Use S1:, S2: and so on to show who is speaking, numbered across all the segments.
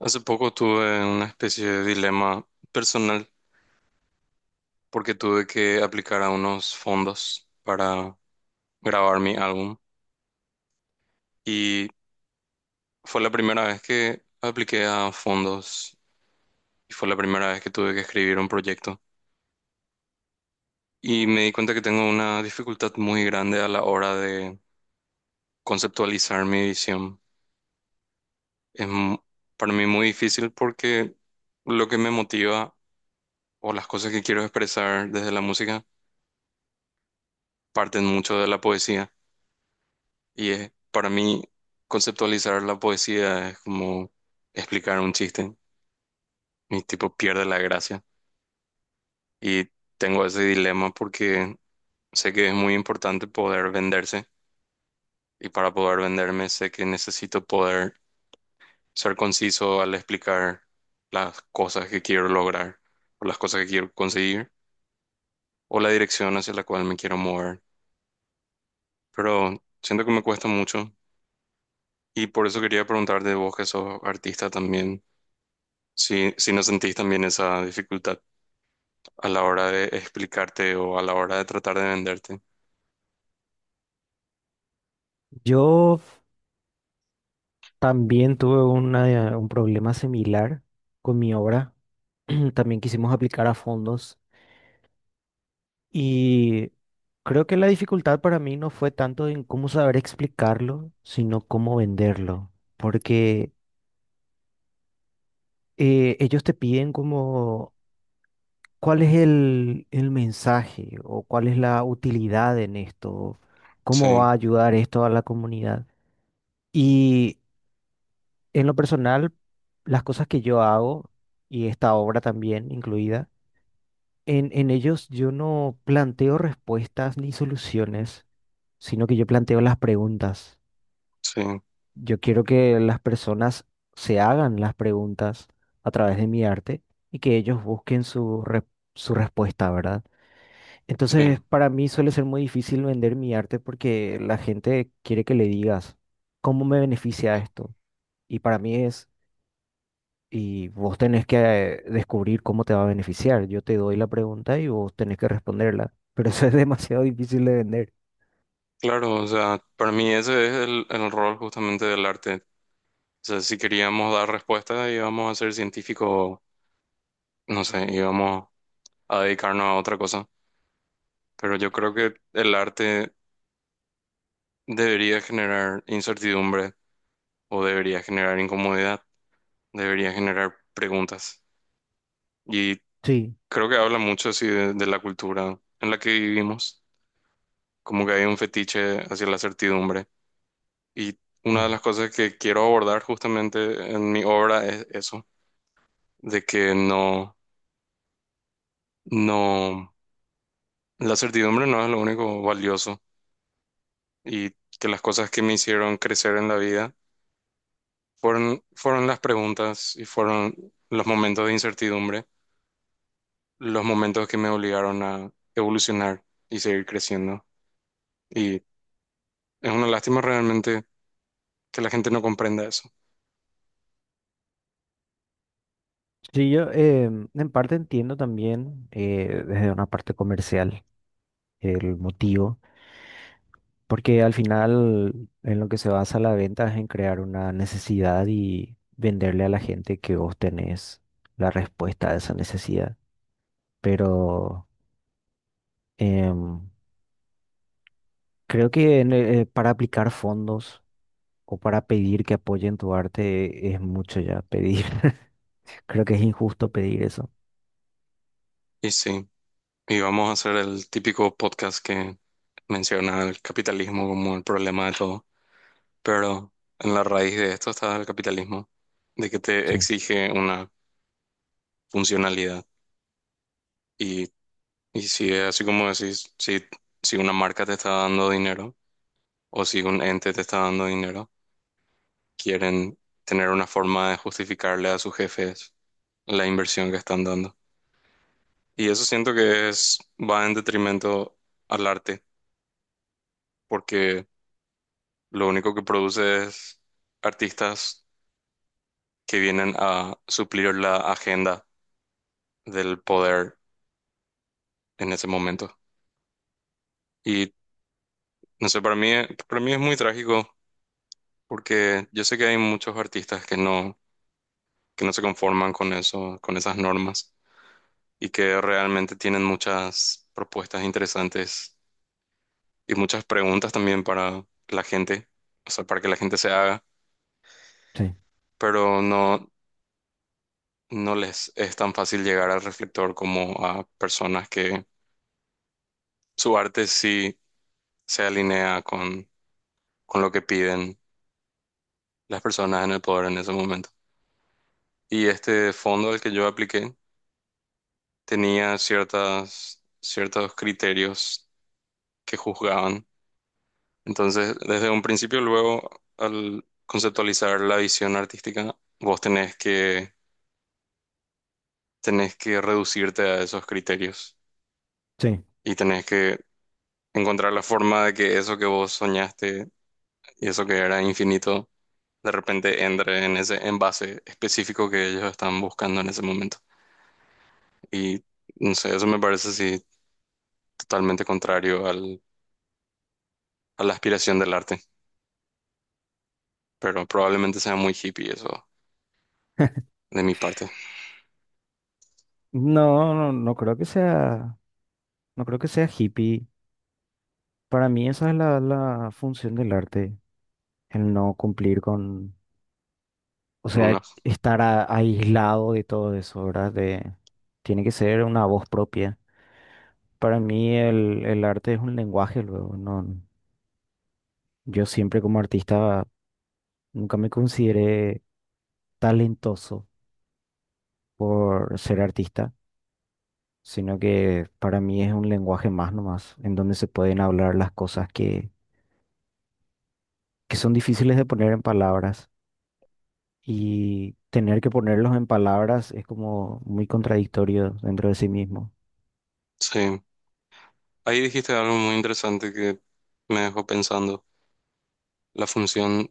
S1: Hace poco tuve una especie de dilema personal porque tuve que aplicar a unos fondos para grabar mi álbum y fue la primera vez que apliqué a fondos y fue la primera vez que tuve que escribir un proyecto y me di cuenta que tengo una dificultad muy grande a la hora de conceptualizar mi visión. Es mu- para mí muy difícil porque lo que me motiva o las cosas que quiero expresar desde la música parten mucho de la poesía. Y es, para mí, conceptualizar la poesía es como explicar un chiste. Mi tipo pierde la gracia. Y tengo ese dilema porque sé que es muy importante poder venderse. Y para poder venderme, sé que necesito poder ser conciso al explicar las cosas que quiero lograr, o las cosas que quiero conseguir, o la dirección hacia la cual me quiero mover. Pero siento que me cuesta mucho. Y por eso quería preguntarte, vos que sos artista también. Sí, sí no sentís también esa dificultad a la hora de explicarte o a la hora de tratar de venderte.
S2: Yo también tuve un problema similar con mi obra. También quisimos aplicar a fondos y creo que la dificultad para mí no fue tanto en cómo saber explicarlo, sino cómo venderlo. Porque ellos te piden como cuál es el mensaje o cuál es la utilidad en esto, cómo
S1: Sí,
S2: va a ayudar esto a la comunidad. Y En lo personal, las cosas que yo hago, y esta obra también incluida, en ellos yo no planteo respuestas ni soluciones, sino que yo planteo las preguntas.
S1: sí,
S2: Yo quiero que las personas se hagan las preguntas a través de mi arte y que ellos busquen su respuesta, ¿verdad?
S1: sí.
S2: Entonces, para mí suele ser muy difícil vender mi arte porque la gente quiere que le digas, ¿cómo me beneficia esto? Y para mí es Y vos tenés que descubrir cómo te va a beneficiar. Yo te doy la pregunta y vos tenés que responderla. Pero eso es demasiado difícil de vender.
S1: Claro, o sea, para mí ese es el rol justamente del arte. O sea, si queríamos dar respuesta, íbamos a ser científicos, no sé, íbamos a dedicarnos a otra cosa. Pero yo creo que el arte debería generar incertidumbre o debería generar incomodidad, debería generar preguntas. Y
S2: Sí.
S1: creo que habla mucho así de la cultura en la que vivimos, como que hay un fetiche hacia la certidumbre. Y una de
S2: Mm.
S1: las cosas que quiero abordar justamente en mi obra es eso, de que no, no, la certidumbre no es lo único valioso y que las cosas que me hicieron crecer en la vida fueron las preguntas y fueron los momentos de incertidumbre, los momentos que me obligaron a evolucionar y seguir creciendo. Y es una lástima realmente que la gente no comprenda eso.
S2: Sí, yo en parte entiendo también desde una parte comercial el motivo, porque al final en lo que se basa la venta es en crear una necesidad y venderle a la gente que vos tenés la respuesta a esa necesidad. Pero em, creo que para aplicar fondos o para pedir que apoyen tu arte es mucho ya pedir. Creo que es injusto pedir eso.
S1: Y sí. Y vamos a hacer el típico podcast que menciona el capitalismo como el problema de todo. Pero en la raíz de esto está el capitalismo, de que te
S2: Sí,
S1: exige una funcionalidad. Y, y si es así como decís, si, si una marca te está dando dinero o si un ente te está dando dinero, quieren tener una forma de justificarle a sus jefes la inversión que están dando. Y eso siento que es, va en detrimento al arte, porque lo único que produce es artistas que vienen a suplir la agenda del poder en ese momento. Y no sé, para mí es muy trágico porque yo sé que hay muchos artistas que no se conforman con eso, con esas normas y que realmente tienen muchas propuestas interesantes y muchas preguntas también para la gente, o sea, para que la gente se haga,
S2: sí,
S1: pero no, no les es tan fácil llegar al reflector como a personas que su arte sí se alinea con lo que piden las personas en el poder en ese momento. Y este fondo al que yo apliqué tenía ciertas, ciertos criterios que juzgaban. Entonces, desde un principio, luego, al conceptualizar la visión artística, vos tenés que reducirte a esos criterios
S2: sí.
S1: y tenés que encontrar la forma de que eso que vos soñaste y eso que era infinito de repente entre en ese envase específico que ellos están buscando en ese momento. Y no sé, eso me parece así totalmente contrario al, a la aspiración del arte, pero probablemente sea muy hippie eso de mi parte.
S2: No, no, no creo que sea, no creo que sea hippie. Para mí esa es la función del arte, el no cumplir con, o
S1: No,
S2: sea,
S1: no.
S2: estar aislado de todo eso, ¿verdad? De, tiene que ser una voz propia. Para mí el arte es un lenguaje luego, no, yo siempre como artista nunca me consideré talentoso por ser artista, sino que para mí es un lenguaje más nomás, en donde se pueden hablar las cosas que son difíciles de poner en palabras. Y tener que ponerlos en palabras es como muy contradictorio dentro de sí mismo.
S1: Sí, ahí dijiste algo muy interesante que me dejó pensando. La función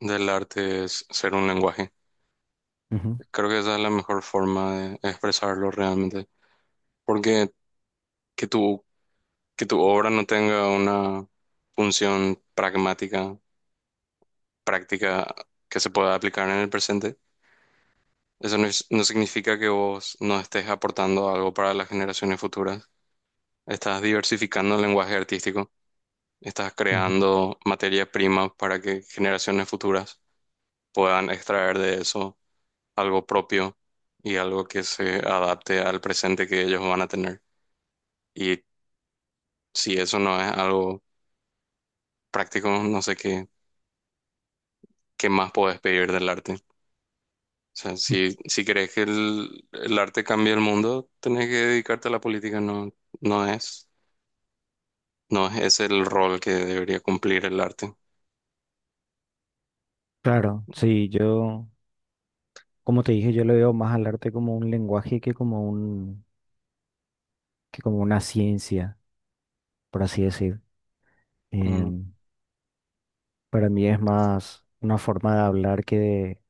S1: del arte es ser un lenguaje.
S2: Ujú,
S1: Creo que esa es la mejor forma de expresarlo realmente, porque que tu, que tu obra no tenga una función pragmática práctica que se pueda aplicar en el presente. Eso no, es- No significa que vos no estés aportando algo para las generaciones futuras. Estás diversificando el lenguaje artístico, estás
S2: ujú.
S1: creando materia prima para que generaciones futuras puedan extraer de eso algo propio y algo que se adapte al presente que ellos van a tener. Y si eso no es algo práctico, no sé qué, qué más podés pedir del arte. O sea, si, si crees que el arte cambia el mundo, tenés que dedicarte a la política. No, no es, no es ese el rol que debería cumplir el arte.
S2: Claro, sí, yo, como te dije, yo lo veo más al arte como un lenguaje que como que como una ciencia, por así decir.
S1: Ujú.
S2: En- para mí es más una forma de hablar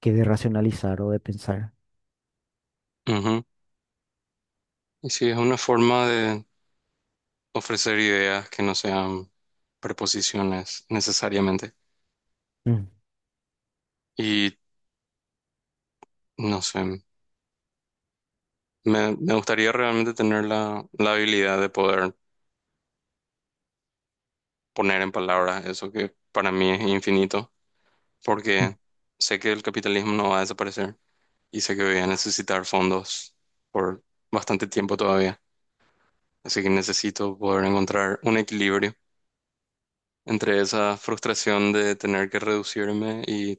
S2: que de racionalizar o de pensar.
S1: Ujú. Y sí, es una forma de ofrecer ideas que no sean preposiciones necesariamente.
S2: Mm.
S1: Y no sé, me gustaría realmente tener la habilidad de poder poner en palabras eso que para mí es infinito, porque sé que el capitalismo no va a desaparecer. Y sé que voy a necesitar fondos por bastante tiempo todavía. Así que necesito poder encontrar un equilibrio entre esa frustración de tener que reducirme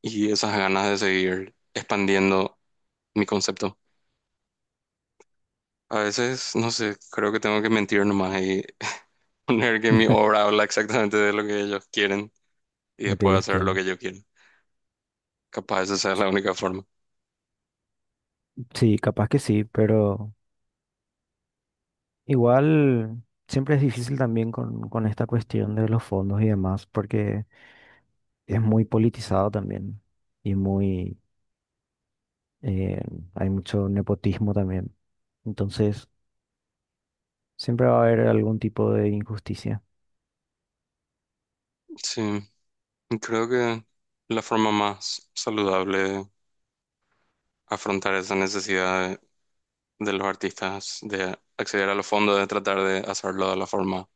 S1: y esas ganas de seguir expandiendo mi concepto. A veces, no sé, creo que tengo que mentir nomás y poner que mi obra habla exactamente de lo que ellos quieren y
S2: Lo que
S1: después
S2: ellos
S1: hacer lo
S2: quieren.
S1: que yo quiero. Capaz esa es la única forma.
S2: Sí, capaz que sí, pero igual siempre es difícil también con esta cuestión de los fondos y demás, porque es muy politizado también y muy, eh, hay mucho nepotismo también. Entonces, siempre va a haber algún tipo de injusticia.
S1: Sí, creo que la forma más saludable de afrontar esa necesidad de los artistas de acceder a los fondos, de tratar de hacerlo de la forma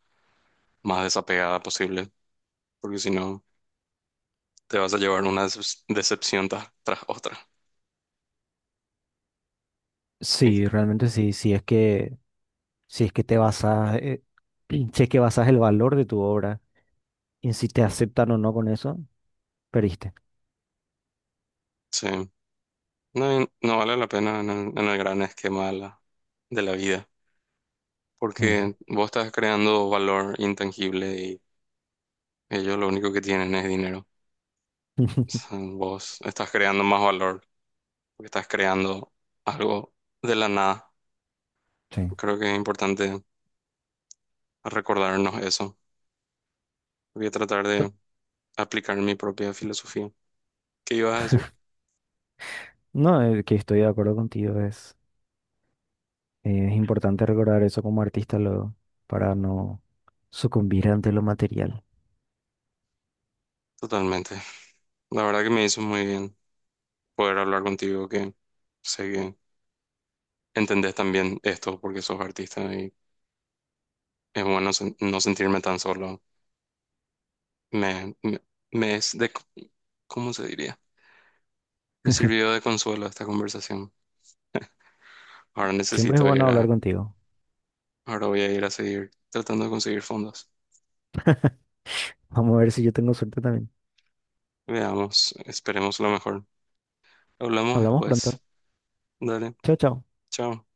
S1: más desapegada posible, porque si no, te vas a llevar una decepción tras otra. Y,
S2: Sí, realmente sí, si es que te basas, si es que basas el valor de tu obra en si te aceptan o no con eso, perdiste.
S1: sí, no, y no vale la pena en el gran esquema de de la vida,
S2: Mm.
S1: porque vos estás creando valor intangible y ellos lo único que tienen es dinero. O sea, vos estás creando más valor, porque estás creando algo de la nada.
S2: Sí.
S1: Creo que es importante recordarnos eso. Voy a tratar de aplicar mi propia filosofía. ¿Qué ibas a decir?
S2: No, que estoy de acuerdo contigo, es importante recordar eso como artista luego, para no sucumbir ante lo material.
S1: Totalmente. La verdad que me hizo muy bien poder hablar contigo, que sé que entendés también esto porque sos artista y es bueno no sentirme tan solo. Me, me, me es de, ¿cómo se diría? Me sirvió de consuelo esta conversación. Ahora
S2: Siempre es
S1: necesito
S2: bueno
S1: ir
S2: hablar
S1: a,
S2: contigo.
S1: Ahora voy a ir a seguir tratando de conseguir fondos.
S2: Vamos a ver si yo tengo suerte también.
S1: Veamos, esperemos lo mejor. Hablamos
S2: Hablamos pronto.
S1: después. Dale,
S2: Chao, chao.
S1: chao.